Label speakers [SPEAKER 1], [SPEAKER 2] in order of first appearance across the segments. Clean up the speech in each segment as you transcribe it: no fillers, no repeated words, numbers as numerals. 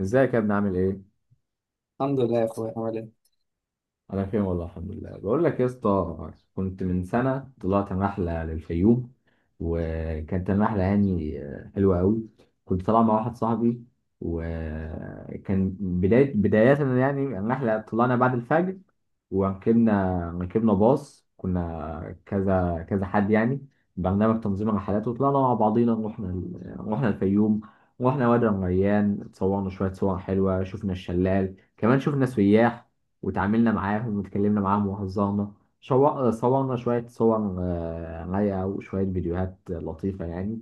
[SPEAKER 1] ازيك يا ابني عامل ايه؟
[SPEAKER 2] الحمد لله يا اخويا. عامل ايه؟
[SPEAKER 1] انا بخير والله الحمد لله. بقول لك يا اسطى، كنت من سنه طلعت رحله للفيوم، وكانت الرحله يعني حلوه قوي. كنت طالع مع واحد صاحبي، وكان بدايه يعني الرحله، طلعنا بعد الفجر وركبنا باص، كنا كذا كذا حد يعني برنامج تنظيم الرحلات، وطلعنا مع بعضينا. رحنا الفيوم، رحنا وادي الريان، اتصورنا شوية صور حلوة، شفنا الشلال، كمان شفنا سياح وتعاملنا معاهم واتكلمنا معاهم وهزرنا. صورنا شوية صور رايقة وشوية فيديوهات لطيفة يعني.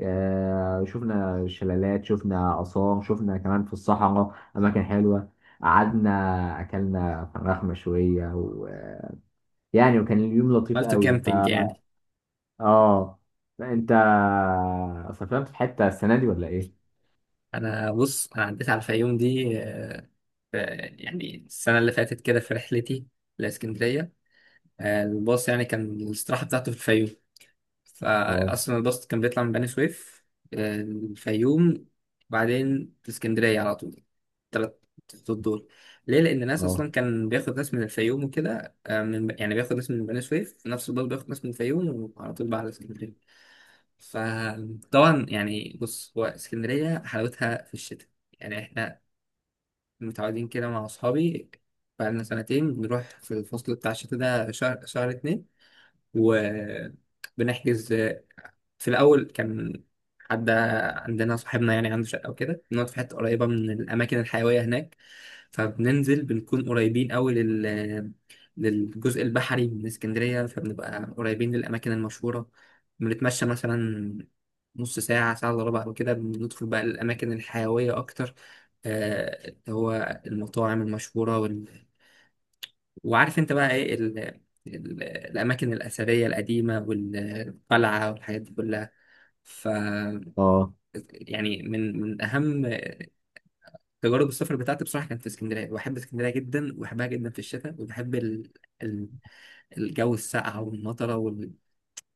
[SPEAKER 1] شفنا شلالات، شفنا آثار، شفنا كمان في الصحراء أماكن حلوة، قعدنا اكلنا فراخ مشويه ويعني وكان اليوم لطيف
[SPEAKER 2] عملت
[SPEAKER 1] قوي.
[SPEAKER 2] كامبينج يعني؟
[SPEAKER 1] اه. انت سافرت في حته السنه دي ولا ايه؟
[SPEAKER 2] انا بص، عديت على الفيوم دي. في يعني السنه اللي فاتت كده في رحلتي لاسكندريه. الباص يعني كان الاستراحه بتاعته في الفيوم،
[SPEAKER 1] اه،
[SPEAKER 2] فاصلا الباص كان بيطلع من بني سويف، الفيوم، بعدين اسكندريه على طول. تلات خطوط دول. ليه؟ لان الناس
[SPEAKER 1] اه،
[SPEAKER 2] اصلا كان بياخد ناس من الفيوم وكده، آه، من يعني بياخد ناس من بني سويف في نفس الباص، بياخد ناس من الفيوم وعلى طول بقى على اسكندريه. فطبعا يعني بص، هو اسكندرية حلاوتها في الشتاء. يعني احنا متعودين كده مع أصحابي بقالنا سنتين بنروح في الفصل بتاع الشتاء ده، شهر، شهر اتنين، وبنحجز. في الأول كان حد عندنا، صاحبنا يعني عنده شقة وكده، بنقعد في حتة قريبة من الأماكن الحيوية هناك. فبننزل بنكون قريبين أوي للجزء البحري من اسكندرية، فبنبقى قريبين للأماكن المشهورة. بنتمشى مثلا نص ساعة، ساعة إلا ربع وكده، بندخل بقى الأماكن الحيوية أكتر. اللي هو المطاعم المشهورة وال... وعارف أنت بقى إيه، الأماكن الأثرية القديمة والقلعة والحاجات دي كلها. ف
[SPEAKER 1] اه،
[SPEAKER 2] يعني من اهم تجارب السفر بتاعتي بصراحه كانت في اسكندريه. بحب اسكندريه جدا، وبحبها جدا في الشتاء، وبحب ال... الجو الساقع والمطره وال...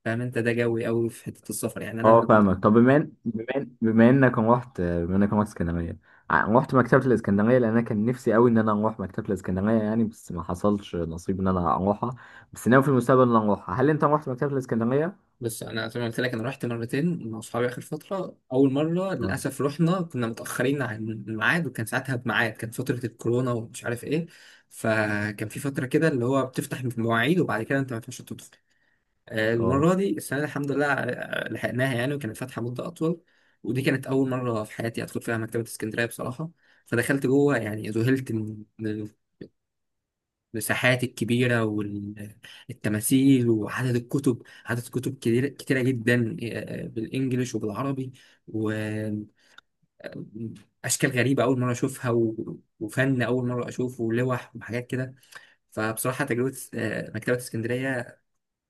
[SPEAKER 2] فاهم انت، ده جوي قوي في حته السفر يعني
[SPEAKER 1] اه.
[SPEAKER 2] انا.
[SPEAKER 1] فاهمك. طب بما انك رحت اسكندريه، رحت مكتبه الاسكندريه؟ لان انا كان نفسي قوي ان انا اروح مكتبه الاسكندريه يعني، بس ما حصلش نصيب ان انا اروحها. بس ناوي في المستقبل ان انا اروحها. هل انت رحت مكتبه الاسكندريه؟
[SPEAKER 2] بص، انا زي ما قلت لك، انا رحت مرتين مع اصحابي اخر فتره. اول مره
[SPEAKER 1] اه،
[SPEAKER 2] للاسف رحنا كنا متاخرين عن الميعاد، وكان ساعتها بميعاد، كان فتره الكورونا ومش عارف ايه. فكان في فتره كده اللي هو بتفتح المواعيد وبعد كده انت ما ينفعش تدخل.
[SPEAKER 1] اه.
[SPEAKER 2] المرة دي السنة دي الحمد لله، لحقناها يعني وكانت فاتحة مدة أطول. ودي كانت أول مرة في حياتي أدخل فيها مكتبة اسكندرية بصراحة. فدخلت جوه، يعني ذهلت من المساحات الكبيرة والتماثيل وعدد الكتب. عدد كتب كتيرة جدا، بالإنجليش وبالعربي، وأشكال غريبة أول مرة أشوفها وفن أول مرة أشوفه، ولوح وحاجات كده. فبصراحة تجربة مكتبة اسكندرية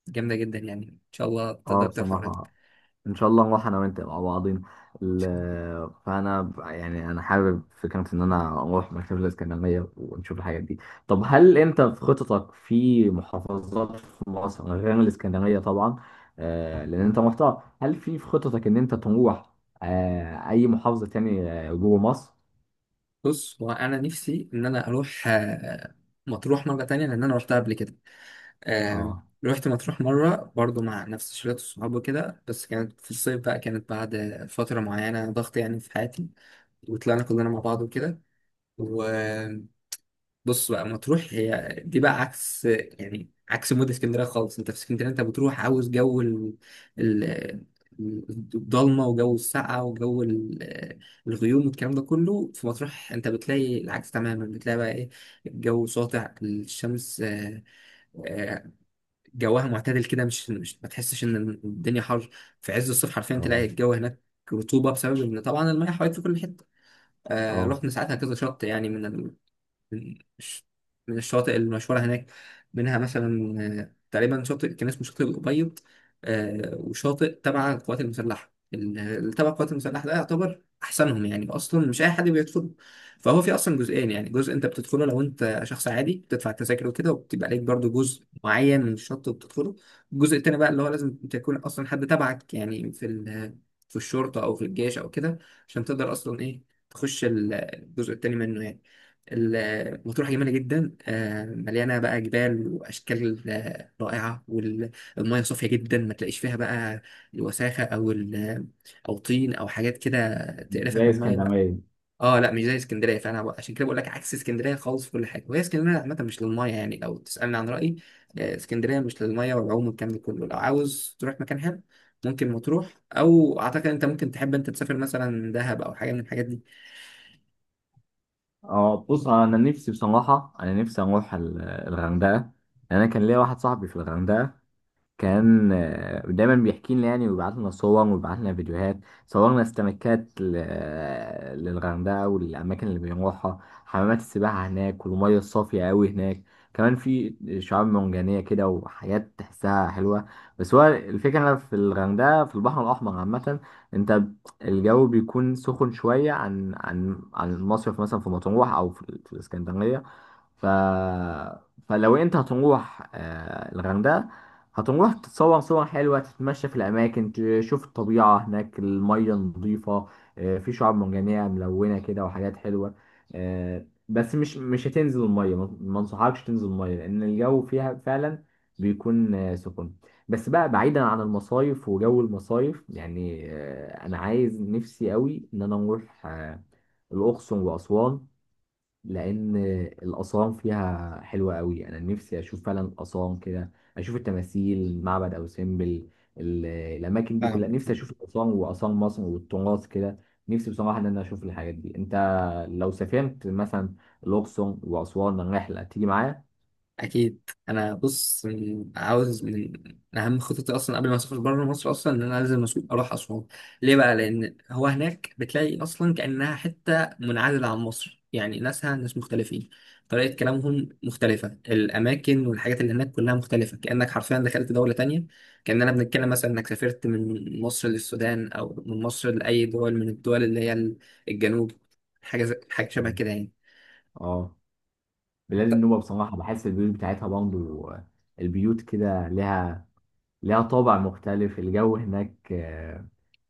[SPEAKER 2] جامدة جدا، يعني إن شاء الله تقدر
[SPEAKER 1] اه،
[SPEAKER 2] تروح قريب.
[SPEAKER 1] بصراحه ان شاء الله نروح انا وانت مع بعضين. يعني انا حابب فكره ان انا اروح مكتبه الاسكندريه ونشوف الحاجات دي. طب هل انت في خططك في محافظات في مصر غير الاسكندريه طبعا؟ لان انت رحتها، هل في خططك ان انت تروح اي محافظه تاني جوه مصر؟
[SPEAKER 2] بص، هو انا نفسي ان انا اروح مطروح مره تانية، لان انا روحتها قبل كده. آه،
[SPEAKER 1] اه،
[SPEAKER 2] روحت مطروح مره برضو مع نفس شلة الصحاب وكده، بس كانت في الصيف بقى، كانت بعد فتره معينه ضغط يعني في حياتي، وطلعنا كلنا مع بعض وكده. بص بقى، مطروح هي دي بقى عكس، يعني عكس مود اسكندريه خالص. انت في اسكندريه انت بتروح عاوز جو ال- الضلمه وجو السقعه وجو الغيوم والكلام ده كله. في مطروح انت بتلاقي العكس تماما، بتلاقي بقى ايه، الجو ساطع الشمس، آه، جوها معتدل كده، مش ما تحسش ان الدنيا حر. في عز الصيف حرفيا
[SPEAKER 1] اه،
[SPEAKER 2] تلاقي الجو هناك رطوبه، بسبب ان طبعا المياه حواليك في كل حته.
[SPEAKER 1] اه.
[SPEAKER 2] رحنا ساعتها كذا شط، يعني من من الش- من الشواطئ المشهورة هناك. منها مثلا تقريبا شاطئ كان اسمه شاطئ الأبيض، وشاطئ تبع القوات المسلحة. اللي تبع القوات المسلحة ده يعتبر أحسنهم، يعني أصلا مش أي حد بيدخله. فهو في أصلا جزئين، يعني جزء أنت بتدخله لو أنت شخص عادي بتدفع التذاكر وكده، وبتبقى عليك برضو جزء معين من الشط بتدخله. الجزء التاني بقى اللي هو لازم تكون أصلا حد تبعك يعني في في الشرطة أو في الجيش أو كده، عشان تقدر أصلا إيه تخش الجزء التاني منه يعني. مطروح جميلة جدا، مليانة بقى جبال وأشكال رائعة، والمياه صافية جدا، ما تلاقيش فيها بقى الوساخة أو طين أو حاجات كده تقرفك
[SPEAKER 1] زي
[SPEAKER 2] من المية لا.
[SPEAKER 1] اسكندريه.
[SPEAKER 2] اه لا، مش زي اسكندرية. فأنا بقى، عشان كده بقول لك عكس اسكندرية خالص في كل حاجة. وهي اسكندرية عامة مش للمية، يعني لو تسألني عن رأيي، اسكندرية مش للمية والعوم والكلام ده كله. لو عاوز تروح مكان حلو ممكن مطروح، أو أعتقد أنت ممكن تحب أنت تسافر مثلا دهب أو حاجة من الحاجات دي.
[SPEAKER 1] اه، بص انا نفسي بصراحه، انا نفسي اروح الغردقه. انا كان ليا واحد صاحبي في الغردقه، كان دايما بيحكي لنا يعني، ويبعت لنا صور ويبعت لنا فيديوهات. صورنا استمكات للغردقة والأماكن اللي بنروحها، حمامات السباحة هناك والمية الصافية أوي هناك. كمان في شعاب مرجانية كده وحاجات تحسها حلوة. بس هو الفكرة في الغردقة، في البحر الأحمر عامة، أنت الجو بيكون سخن شوية عن عن المصيف مثلا في مطروح أو في الإسكندرية. ف... فلو انت هتروح الغردقه، هتروح تتصور صور حلوة، تتمشى في الأماكن، تشوف الطبيعة هناك، المية نظيفة، في شعاب مرجانية ملونة كده وحاجات حلوة. بس مش هتنزل المية، ما انصحكش تنزل المية لأن الجو فيها فعلا بيكون سخن. بس بقى، بعيدا عن المصايف وجو المصايف يعني، أنا عايز نفسي قوي إن أنا أروح الأقصر وأسوان، لان الاصام فيها حلوه قوي. انا نفسي اشوف فعلا اصام كده، اشوف التماثيل، معبد ابو سمبل، الاماكن دي
[SPEAKER 2] آه.
[SPEAKER 1] كلها، نفسي اشوف الاصام واصام مصر والتراث كده. نفسي بصراحه ان انا اشوف الحاجات دي. انت لو سافرت مثلا الاقصر واسوان، الرحله تيجي معايا؟
[SPEAKER 2] اكيد. انا بص عاوز من من اهم خططي اصلا قبل ما اسافر بره مصر، اصلا ان انا لازم اروح اسوان. ليه بقى؟ لان هو هناك بتلاقي اصلا كانها حته منعزله عن مصر، يعني ناسها ناس مختلفين، طريقه كلامهم مختلفه، الاماكن والحاجات اللي هناك كلها مختلفه، كانك حرفيا دخلت دوله تانية. كاننا بنتكلم مثلا انك سافرت من مصر للسودان، او من مصر لاي دول من الدول اللي هي الجنوب. حاجه شبه
[SPEAKER 1] مم.
[SPEAKER 2] كده يعني.
[SPEAKER 1] اه. بلاد النوبه بصراحه، بحس البيوت بتاعتها برضه، البيوت كده لها طابع مختلف. الجو هناك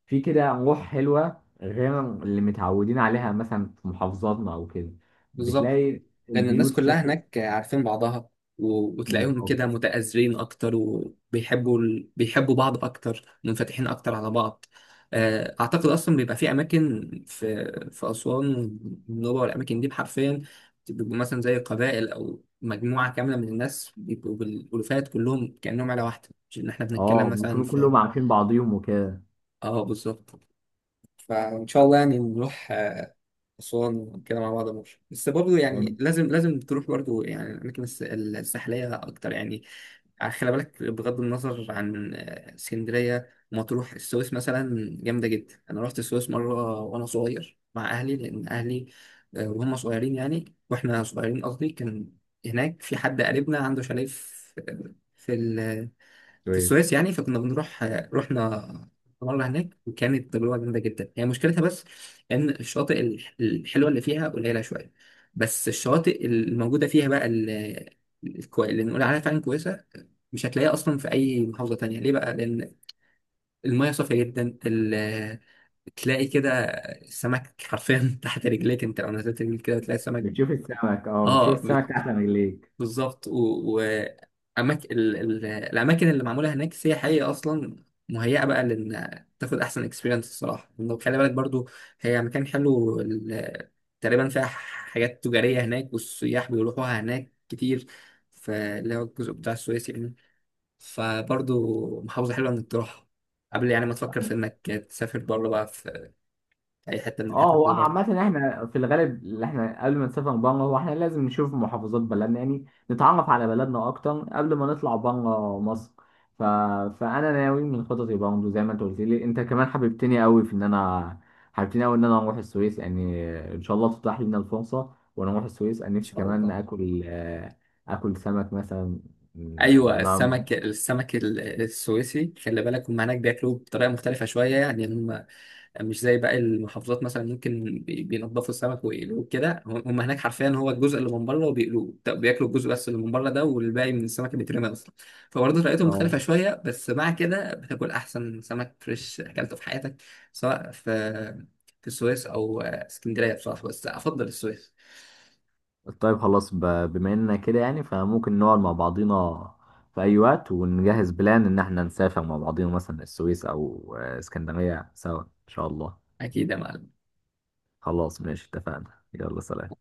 [SPEAKER 1] في كده روح حلوة غير اللي متعودين عليها مثلا في محافظاتنا أو كده.
[SPEAKER 2] بالظبط،
[SPEAKER 1] بتلاقي
[SPEAKER 2] لأن الناس
[SPEAKER 1] البيوت
[SPEAKER 2] كلها
[SPEAKER 1] شكل…
[SPEAKER 2] هناك عارفين بعضها، وتلاقيهم
[SPEAKER 1] بالظبط.
[SPEAKER 2] كده متآزرين أكتر، وبيحبوا بيحبوا بعض أكتر، منفتحين أكتر على بعض. أعتقد أصلا بيبقى في أماكن في أسوان والنوبة والأماكن دي، حرفيا بيبقوا مثلا زي قبائل أو مجموعة كاملة من الناس، بيبقوا بالألوفات كلهم كأنهم عيلة واحدة، مش إن إحنا بنتكلم
[SPEAKER 1] اه،
[SPEAKER 2] مثلا
[SPEAKER 1] بيكونوا
[SPEAKER 2] في.
[SPEAKER 1] كلهم عارفين بعضيهم وكده
[SPEAKER 2] آه، بالظبط. فإن شاء الله يعني نروح أسوان وكده مع بعض ماشي. بس برضه يعني
[SPEAKER 1] يعني.
[SPEAKER 2] لازم تروح برضه يعني الأماكن الساحلية أكتر يعني. خلي بالك، بغض النظر عن اسكندرية مطروح، السويس مثلا جامدة جدا. أنا رحت السويس مرة وأنا صغير مع أهلي، لأن أهلي وهم صغيرين يعني، وإحنا صغيرين قصدي، كان هناك في حد قريبنا عنده شاليه في في
[SPEAKER 1] كويس.
[SPEAKER 2] السويس يعني، فكنا بنروح. رحنا مرة هناك وكانت تجربة جامدة جدا. هي مشكلتها بس إن الشواطئ الحلوة اللي فيها قليلة شوية، بس الشواطئ الموجودة فيها بقى، اللي نقول عليها فعلا كويسة، مش هتلاقيها أصلا في أي محافظة تانية. ليه بقى؟ لأن المياه صافية جدا، تلاقي كده السمك حرفيا تحت رجليك. أنت لو نزلت رجلك كده تلاقي السمك.
[SPEAKER 1] بتشوف السمك؟ اه، بتشوف
[SPEAKER 2] آه،
[SPEAKER 1] السمك تحت رجليك.
[SPEAKER 2] بالظبط. الأماكن اللي معمولة هناك سياحية أصلا، مهيئة بقى لأن تاخد أحسن اكسبيرينس الصراحة. لأنه خلي بالك برضو، هي مكان حلو تقريبا فيها حاجات تجارية هناك، والسياح بيروحوها هناك كتير، فاللي هو الجزء بتاع السويس يعني. فبرضو محافظة حلوة إنك تروحها قبل يعني ما تفكر في إنك تسافر بره بقى في أي حتة من
[SPEAKER 1] اه،
[SPEAKER 2] الحتت
[SPEAKER 1] هو
[SPEAKER 2] اللي بره. إن
[SPEAKER 1] عامة احنا في الغالب، اللي احنا قبل ما نسافر بره، هو احنا لازم نشوف محافظات بلدنا يعني، نتعرف على بلدنا اكتر قبل ما نطلع بره مصر. ف... فانا ناوي من خططي برضه، زي ما انت قلت لي، انت كمان حببتني قوي ان انا اروح السويس يعني. ان شاء الله تتاح لنا الفرصة وانا اروح السويس. انا نفسي
[SPEAKER 2] شاء
[SPEAKER 1] كمان
[SPEAKER 2] الله.
[SPEAKER 1] اكل اكل سمك مثلا، لان
[SPEAKER 2] ايوه،
[SPEAKER 1] انا
[SPEAKER 2] السمك، السمك السويسي خلي بالك، هم هناك بياكلوه بطريقه مختلفه شويه يعني. هم مش زي باقي المحافظات مثلا ممكن بينضفوا السمك ويقلوه كده، هم هناك حرفيا هو الجزء اللي من بره وبيقلوه. طب بياكلوا الجزء بس اللي من بره ده، والباقي من السمك بيترمي اصلا. فبرضه طريقتهم مختلفه
[SPEAKER 1] اه…
[SPEAKER 2] شويه، بس مع كده بتاكل احسن سمك فريش اكلته في حياتك، سواء في في السويس او اسكندريه بصراحه، بس افضل السويس.
[SPEAKER 1] طيب خلاص بما اننا كده يعني، فممكن نقعد مع بعضينا في اي وقت ونجهز بلان ان احنا نسافر مع بعضينا، مثلا السويس او اسكندرية سوا ان شاء الله.
[SPEAKER 2] اكيد يا معلم.
[SPEAKER 1] خلاص ماشي، اتفقنا، يلا سلام.